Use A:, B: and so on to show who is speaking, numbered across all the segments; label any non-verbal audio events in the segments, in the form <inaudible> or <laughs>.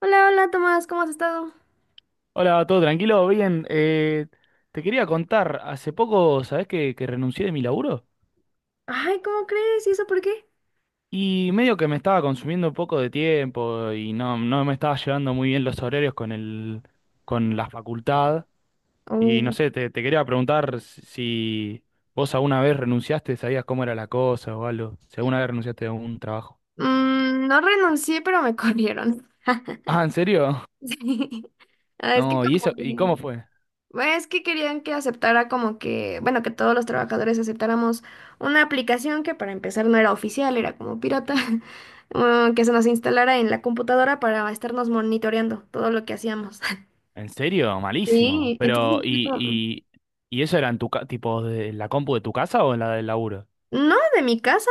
A: Hola, hola Tomás, ¿cómo has estado?
B: Hola, ¿todo tranquilo? Bien, te quería contar, hace poco, ¿sabés que renuncié de mi laburo?
A: Ay, ¿cómo crees? ¿Y eso por qué?
B: Y medio que me estaba consumiendo un poco de tiempo y no, no me estaba llevando muy bien los horarios con la facultad. Y no
A: Oh.
B: sé, te quería preguntar si si vos alguna vez renunciaste, sabías cómo era la cosa o algo, si alguna vez renunciaste a un trabajo.
A: Mm, no renuncié, pero me corrieron.
B: Ah, ¿en serio? <laughs>
A: <laughs> Sí. Ah, es que
B: No, ¿y eso? ¿Y cómo fue?
A: bueno, es que querían que aceptara como que, bueno, que todos los trabajadores aceptáramos una aplicación que para empezar no era oficial, era como pirata. <laughs> Ah, que se nos instalara en la computadora para estarnos monitoreando todo lo que hacíamos. <laughs>
B: ¿En serio? Malísimo.
A: Sí, entonces
B: Pero,
A: fue
B: ¿y,
A: como,
B: y eso era en tu tipo de la compu de tu casa o en la del laburo?
A: no, de mi casa.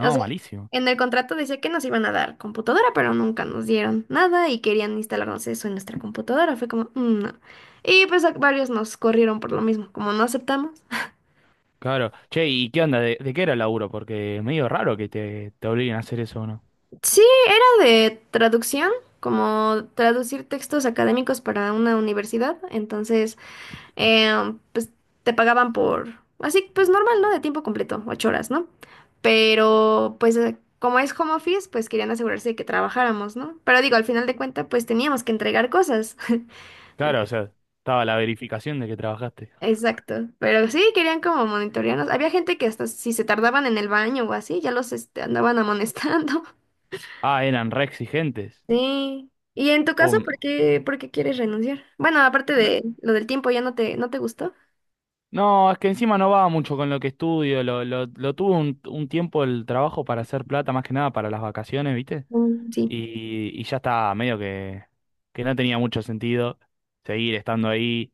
A: O sea,
B: malísimo.
A: en el contrato decía que nos iban a dar computadora, pero nunca nos dieron nada y querían instalarnos eso en nuestra computadora. Fue como, "Mm, no". Y pues varios nos corrieron por lo mismo, como no aceptamos.
B: Claro. Che, ¿y qué onda? ¿De qué era el laburo? Porque es medio raro que te obliguen a hacer eso o no.
A: Sí, era de traducción, como traducir textos académicos para una universidad. Entonces, pues te pagaban por, así pues normal, ¿no? De tiempo completo, 8 horas, ¿no? Pero pues como es home office, pues querían asegurarse de que trabajáramos, ¿no? Pero digo, al final de cuentas, pues teníamos que entregar cosas. <laughs>
B: Claro, o sea, estaba la verificación de que trabajaste.
A: Exacto, pero sí querían como monitorearnos. Había gente que hasta si se tardaban en el baño o así, ya los este, andaban amonestando. <laughs>
B: Ah, eran re exigentes.
A: Sí. ¿Y en tu caso,
B: Um,
A: por qué quieres renunciar? Bueno, aparte
B: no,
A: de lo del tiempo, ¿ya no te, no te gustó?
B: no, es que encima no va mucho con lo que estudio. Lo tuve un tiempo el trabajo para hacer plata, más que nada para las vacaciones, ¿viste?
A: Mm, sí.
B: Y ya estaba medio que, no tenía mucho sentido seguir estando ahí.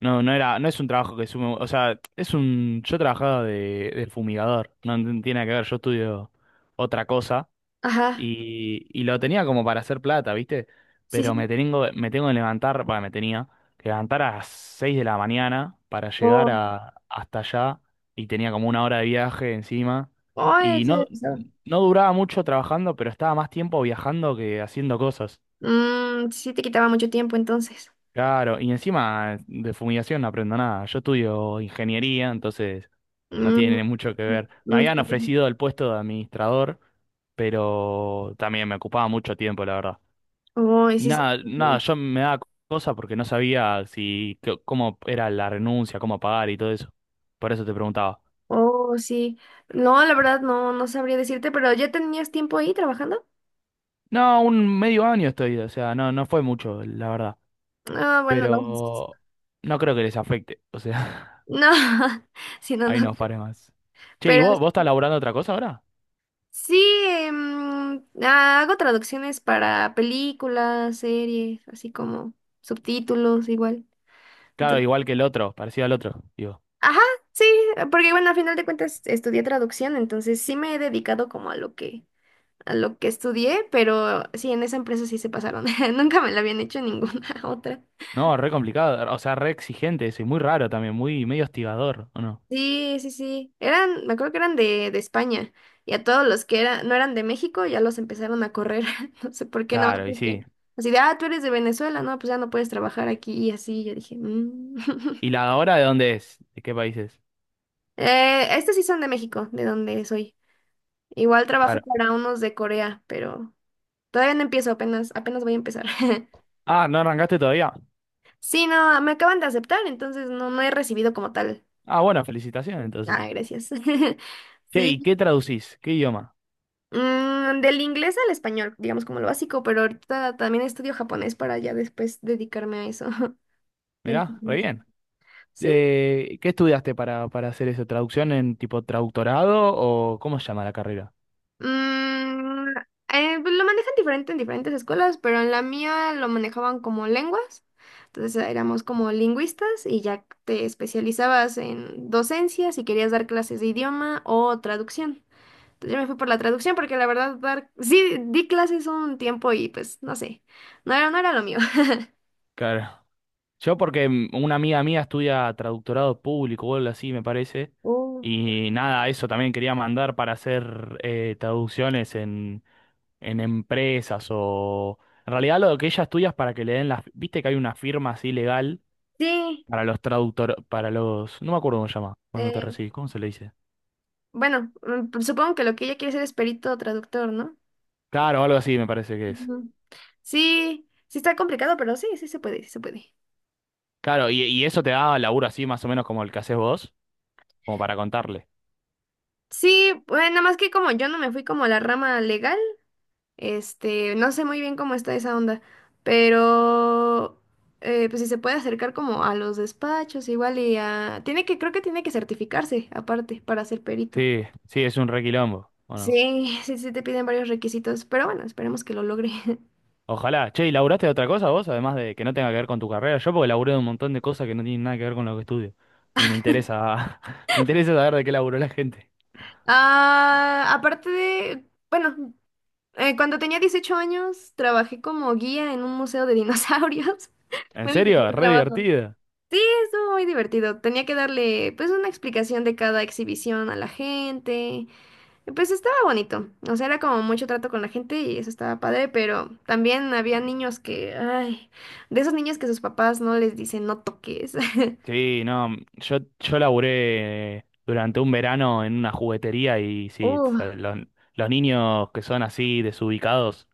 B: No, no era, no es un trabajo que sume, o sea, es un, yo trabajaba de fumigador, no, no tiene nada que ver, yo estudio otra cosa
A: Ajá.
B: y lo tenía como para hacer plata, ¿viste?
A: Sí,
B: Pero
A: sí.
B: me tengo que levantar, bueno, me tenía que levantar a las 6 de la mañana para llegar hasta allá y tenía como una hora de viaje encima.
A: Ay,
B: Y
A: eso
B: no,
A: ya pasaba.
B: no duraba mucho trabajando, pero estaba más tiempo viajando que haciendo cosas.
A: Mm, sí te quitaba mucho tiempo entonces.
B: Claro, y encima de fumigación no aprendo nada. Yo estudio ingeniería, entonces no
A: Mm,
B: tiene mucho que ver. Me
A: mm,
B: habían
A: sí.
B: ofrecido el puesto de administrador, pero también me ocupaba mucho tiempo, la verdad.
A: Ay,
B: Y
A: sí, sí,
B: nada, nada,
A: sí.
B: yo me daba cosa porque no sabía si cómo era la renuncia, cómo pagar y todo eso. Por eso te preguntaba.
A: Oh, sí. No, la verdad no, no sabría decirte, pero ¿ya tenías tiempo ahí trabajando?
B: No, un medio año estoy, o sea, no, no fue mucho, la verdad.
A: Ah, bueno, no.
B: Pero no creo que les afecte. O sea,
A: No, <laughs> sí, no, no.
B: ahí no faré más. Che, ¿y
A: Pero
B: vos, estás laburando otra cosa ahora?
A: sí, hago traducciones para películas, series, así como subtítulos igual.
B: Claro, igual que el otro, parecido al otro, digo.
A: Ajá, sí, porque bueno, al final de cuentas estudié traducción, entonces sí me he dedicado como a lo que estudié, pero sí, en esa empresa sí se pasaron. <laughs> Nunca me la habían hecho en ninguna <laughs> otra.
B: No, re complicado, o sea, re exigente eso, y muy raro también, muy medio hostigador, ¿o no?
A: Sí, sí, sí. Eran, me acuerdo que eran de España. Y a todos los que no eran de México ya los empezaron a correr. <laughs> No sé por qué no, más
B: Claro, y sí.
A: porque así de, ah, tú eres de Venezuela, no, pues ya no puedes trabajar aquí y así. Yo dije, "Mm".
B: ¿Y
A: <laughs>
B: la hora de dónde es? ¿De qué país es?
A: Estos sí son de México, de donde soy. Igual trabajo
B: Claro.
A: para unos de Corea, pero todavía no empiezo, apenas, apenas voy a empezar. <laughs>
B: Ah, ¿no arrancaste todavía?
A: Sí, no, me acaban de aceptar, entonces no, no he recibido como tal.
B: Ah, bueno, felicitaciones entonces.
A: Ah, gracias. <laughs>
B: Che, ¿y
A: Sí.
B: qué traducís? ¿Qué idioma?
A: Mm, del inglés al español, digamos como lo básico, pero ahorita también estudio japonés para ya después dedicarme a eso. <laughs> Del
B: Mirá, re
A: japonés.
B: bien.
A: Sí.
B: ¿Qué estudiaste para hacer eso? ¿Traducción en tipo traductorado o cómo se llama la carrera?
A: Mm, pues lo manejan diferente en diferentes escuelas, pero en la mía lo manejaban como lenguas. Entonces éramos como lingüistas y ya te especializabas en docencia si querías dar clases de idioma o traducción. Entonces yo me fui por la traducción porque la verdad dar, sí di clases un tiempo y pues no sé, no era lo mío.
B: Claro. Yo porque una amiga mía estudia traductorado público o algo así, me parece.
A: Oh. <laughs>
B: Y nada, eso también quería mandar para hacer traducciones en empresas o... En realidad lo que ella estudia es para que le den las... Viste que hay una firma así legal
A: Sí,
B: para los traductor... para los... No me acuerdo cómo se llama. Cuando te
A: eh,
B: recibís, ¿cómo se le dice?
A: bueno, mm, pues supongo que lo que ella quiere ser es perito traductor, ¿no?
B: Claro, algo así me parece que es.
A: Ujú. Sí, sí está complicado, pero sí, sí se puede, sí se puede.
B: Claro, y eso te da laburo así más o menos como el que haces vos, como para contarle.
A: Sí, bueno, nada más que como yo no me fui como a la rama legal, este, no sé muy bien cómo está esa onda, pero pues si se puede acercar como a los despachos igual y a... Tiene que, creo que tiene que certificarse aparte para ser perito.
B: Sí, sí, es un requilombo, ¿o no?
A: Sí, sí, sí te piden varios requisitos, pero bueno, esperemos que lo logre. <laughs>
B: Ojalá. Che, ¿y laburaste de otra cosa vos? Además de que no tenga que ver con tu carrera. Yo porque laburé de un montón de cosas que no tienen nada que ver con lo que estudio. Y me interesa, <laughs> me interesa saber de qué laburó la gente.
A: Ah, aparte de, bueno, cuando tenía 18 años trabajé como guía en un museo de dinosaurios. <laughs>
B: ¿En
A: Fue mi
B: serio?
A: primer
B: Re
A: trabajo.
B: divertido.
A: Sí, estuvo muy divertido. Tenía que darle pues una explicación de cada exhibición a la gente. Y pues estaba bonito. O sea, era como mucho trato con la gente y eso estaba padre, pero también había niños que, ay, de esos niños que sus papás no les dicen no toques. <laughs>
B: Sí, no, yo laburé durante un verano en una juguetería y sí, o sea,
A: Uh,
B: los niños que son así desubicados,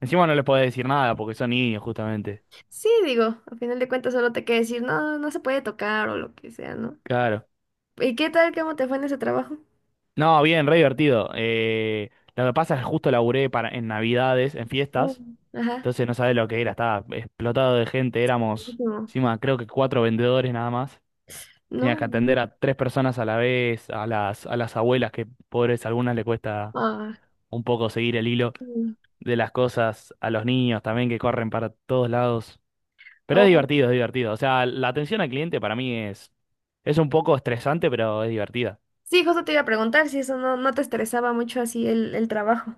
B: encima no les puedo decir nada porque son niños justamente.
A: sí, digo, a final de cuentas solo te queda decir no, no se puede tocar o lo que sea, ¿no?
B: Claro.
A: ¿Y qué tal? ¿Cómo te fue en ese trabajo?
B: No, bien, re divertido. Lo que pasa es que justo laburé en Navidades, en fiestas.
A: Mm. Ajá.
B: Entonces no sabés lo que era, estaba explotado de gente, éramos
A: Buenísimo.
B: encima creo que cuatro vendedores nada más. Tenías
A: No.
B: que atender a tres personas a la vez, a las abuelas que pobres, a algunas le cuesta
A: Ah,
B: un poco seguir el hilo
A: sí.
B: de las cosas, a los niños también que corren para todos lados. Pero es divertido, es divertido. O sea, la atención al cliente para mí es un poco estresante, pero es divertida.
A: Sí, justo te iba a preguntar si eso no, no te estresaba mucho así el trabajo.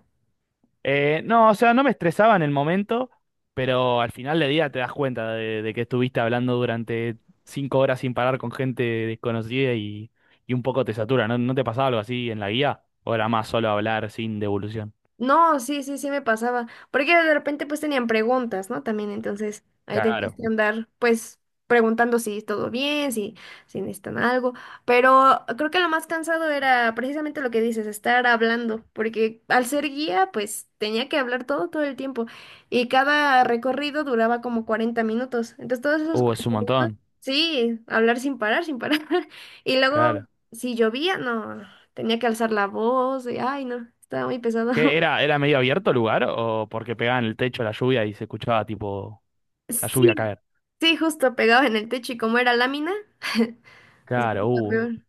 B: No, o sea, no me estresaba en el momento, pero al final del día te das cuenta de que estuviste hablando durante 5 horas sin parar con gente desconocida y un poco te satura. ¿No, no te pasaba algo así en la guía? ¿O era más solo hablar sin devolución?
A: No, sí, sí, sí me pasaba. Porque de repente pues tenían preguntas, ¿no? También entonces ahí tenías
B: Claro.
A: que andar pues preguntando si todo bien, si, si necesitan algo. Pero creo que lo más cansado era precisamente lo que dices, estar hablando. Porque al ser guía pues tenía que hablar todo, todo el tiempo. Y cada recorrido duraba como 40 minutos. Entonces todos esos
B: Es un
A: 40 minutos,
B: montón.
A: sí, hablar sin parar, sin parar. <laughs> Y luego
B: Claro.
A: si llovía, no, tenía que alzar la voz y ay, no, estaba muy pesado.
B: ¿Qué era? ¿Era medio abierto el lugar o porque pegaban el techo la lluvia y se escuchaba tipo la lluvia
A: Sí,
B: caer?
A: sí, justo pegados en el techo y como era lámina, <laughs> se
B: Claro,
A: escuchaba peor.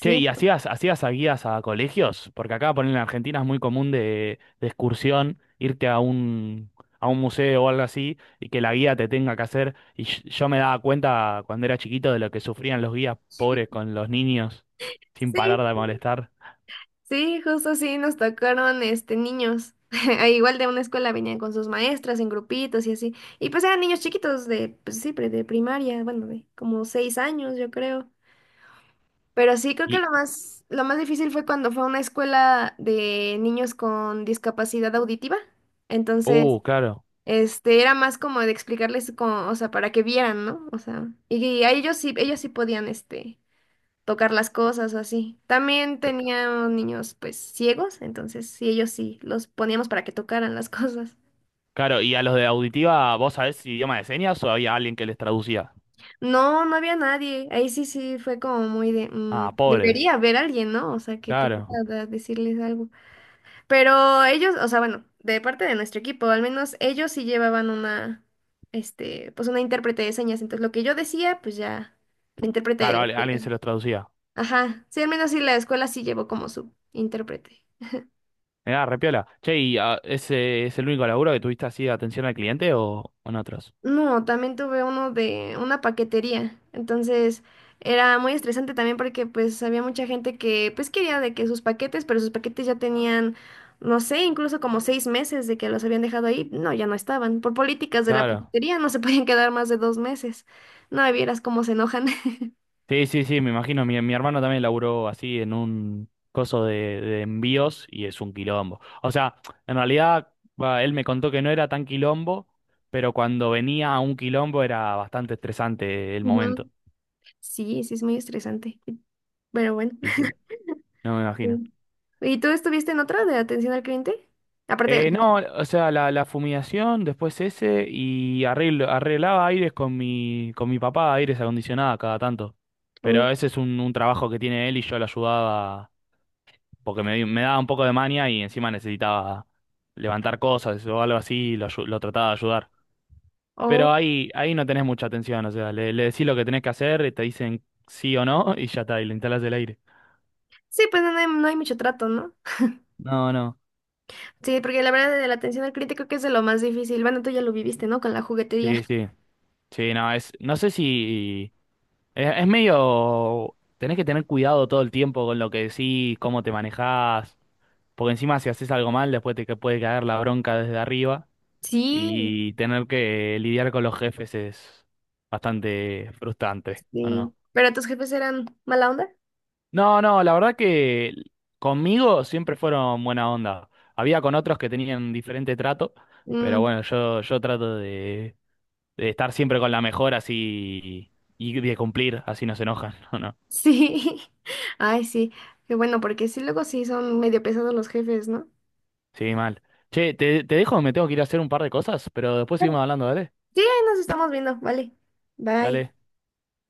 B: Che, ¿y hacías a guías a colegios? Porque acá, por en Argentina es muy común de excursión irte a a un museo o algo así y que la guía te tenga que hacer. Y yo me daba cuenta cuando era chiquito de lo que sufrían los guías pobres con los niños sin
A: sí,
B: parar de molestar.
A: sí, justo sí, nos tocaron este niños. <laughs> Ah, igual de una escuela venían con sus maestras en grupitos y así. Y pues eran niños chiquitos de, pues sí, de primaria, bueno, de como 6 años, yo creo. Pero sí, creo que
B: Y,
A: lo más difícil fue cuando fue a una escuela de niños con discapacidad auditiva. Entonces,
B: claro.
A: este, era más como de explicarles como, o sea, para que vieran, ¿no? O sea, y a ellos sí podían, este, tocar las cosas o así. También
B: c-
A: tenían niños, pues, ciegos, entonces sí, ellos sí, los poníamos para que tocaran las <laughs> cosas.
B: Claro, ¿y a los de auditiva vos sabés si idioma de señas o había alguien que les traducía?
A: No, no había nadie. Ahí sí, sí, fue como muy de,
B: Ah,
A: mm,
B: pobres.
A: debería haber alguien, ¿no? O sea, que pudiera
B: Claro,
A: decirles algo. Pero ellos, o sea, bueno, de parte de nuestro equipo, al menos ellos sí llevaban una, este, pues una intérprete de señas. Entonces lo que yo decía, pues ya, la intérprete de
B: claro,
A: la
B: alguien
A: escuela.
B: se los traducía.
A: Ajá, sí, al menos sí la escuela sí llevó como su intérprete.
B: Mirá, repiola. Che, ¿y ese es el único laburo que tuviste así de atención al cliente o en otros?
A: No, también tuve uno de una paquetería. Entonces era muy estresante también porque pues había mucha gente que pues quería de que sus paquetes, pero sus paquetes ya tenían, no sé, incluso como 6 meses de que los habían dejado ahí. No, ya no estaban. Por políticas de la
B: Claro.
A: paquetería no se podían quedar más de 2 meses. No, y vieras cómo se enojan. <laughs>
B: Sí, sí, sí, me imagino. Mi hermano también laburó así en un coso de envíos y es un quilombo. O sea, en realidad, va, él me contó que no era tan quilombo, pero cuando venía a un quilombo era bastante estresante el
A: Ujú.
B: momento.
A: Sí, sí, es muy estresante. Pero bueno.
B: Y sí, no me imagino.
A: Sí. ¿Y tú estuviste en otra de atención al cliente? Aparte de la...
B: No, o sea, la fumigación, después ese, y arreglaba aires con mi papá, aires acondicionados cada tanto. Pero
A: Oh,
B: ese es un trabajo que tiene él y yo lo ayudaba porque me daba un poco de mania y encima necesitaba levantar cosas o algo así, y lo trataba de ayudar. Pero
A: oh.
B: ahí no tenés mucha atención, o sea, le decís lo que tenés que hacer, te dicen sí o no <laughs> y ya está, y le instalás el aire.
A: Sí, pues no hay, no hay mucho trato, ¿no?
B: No, no,
A: Sí, porque la verdad de la atención al cliente creo que es de lo más difícil. Bueno, tú ya lo viviste, ¿no? Con la juguetería.
B: sí, sí. Sí, no, no sé si... es medio... Tenés que tener cuidado todo el tiempo con lo que decís, cómo te manejás, porque encima si haces algo mal, después te que puede caer la bronca desde arriba
A: Sí,
B: y tener que lidiar con los jefes es bastante frustrante, ¿o
A: sí.
B: no?
A: ¿Pero tus jefes eran mala onda?
B: No, no, la verdad que conmigo siempre fueron buena onda. Había con otros que tenían diferente trato, pero
A: Mm,
B: bueno, yo trato de estar siempre con la mejor así y de cumplir, así no se enojan, <laughs> o no.
A: sí. <laughs> Ay, sí. Qué bueno, porque sí, luego sí son medio pesados los jefes, ¿no?
B: Sí, mal. Che, te dejo, me tengo que ir a hacer un par de cosas, pero después seguimos hablando, dale.
A: Sí, ahí nos estamos viendo. Vale. Bye.
B: Dale.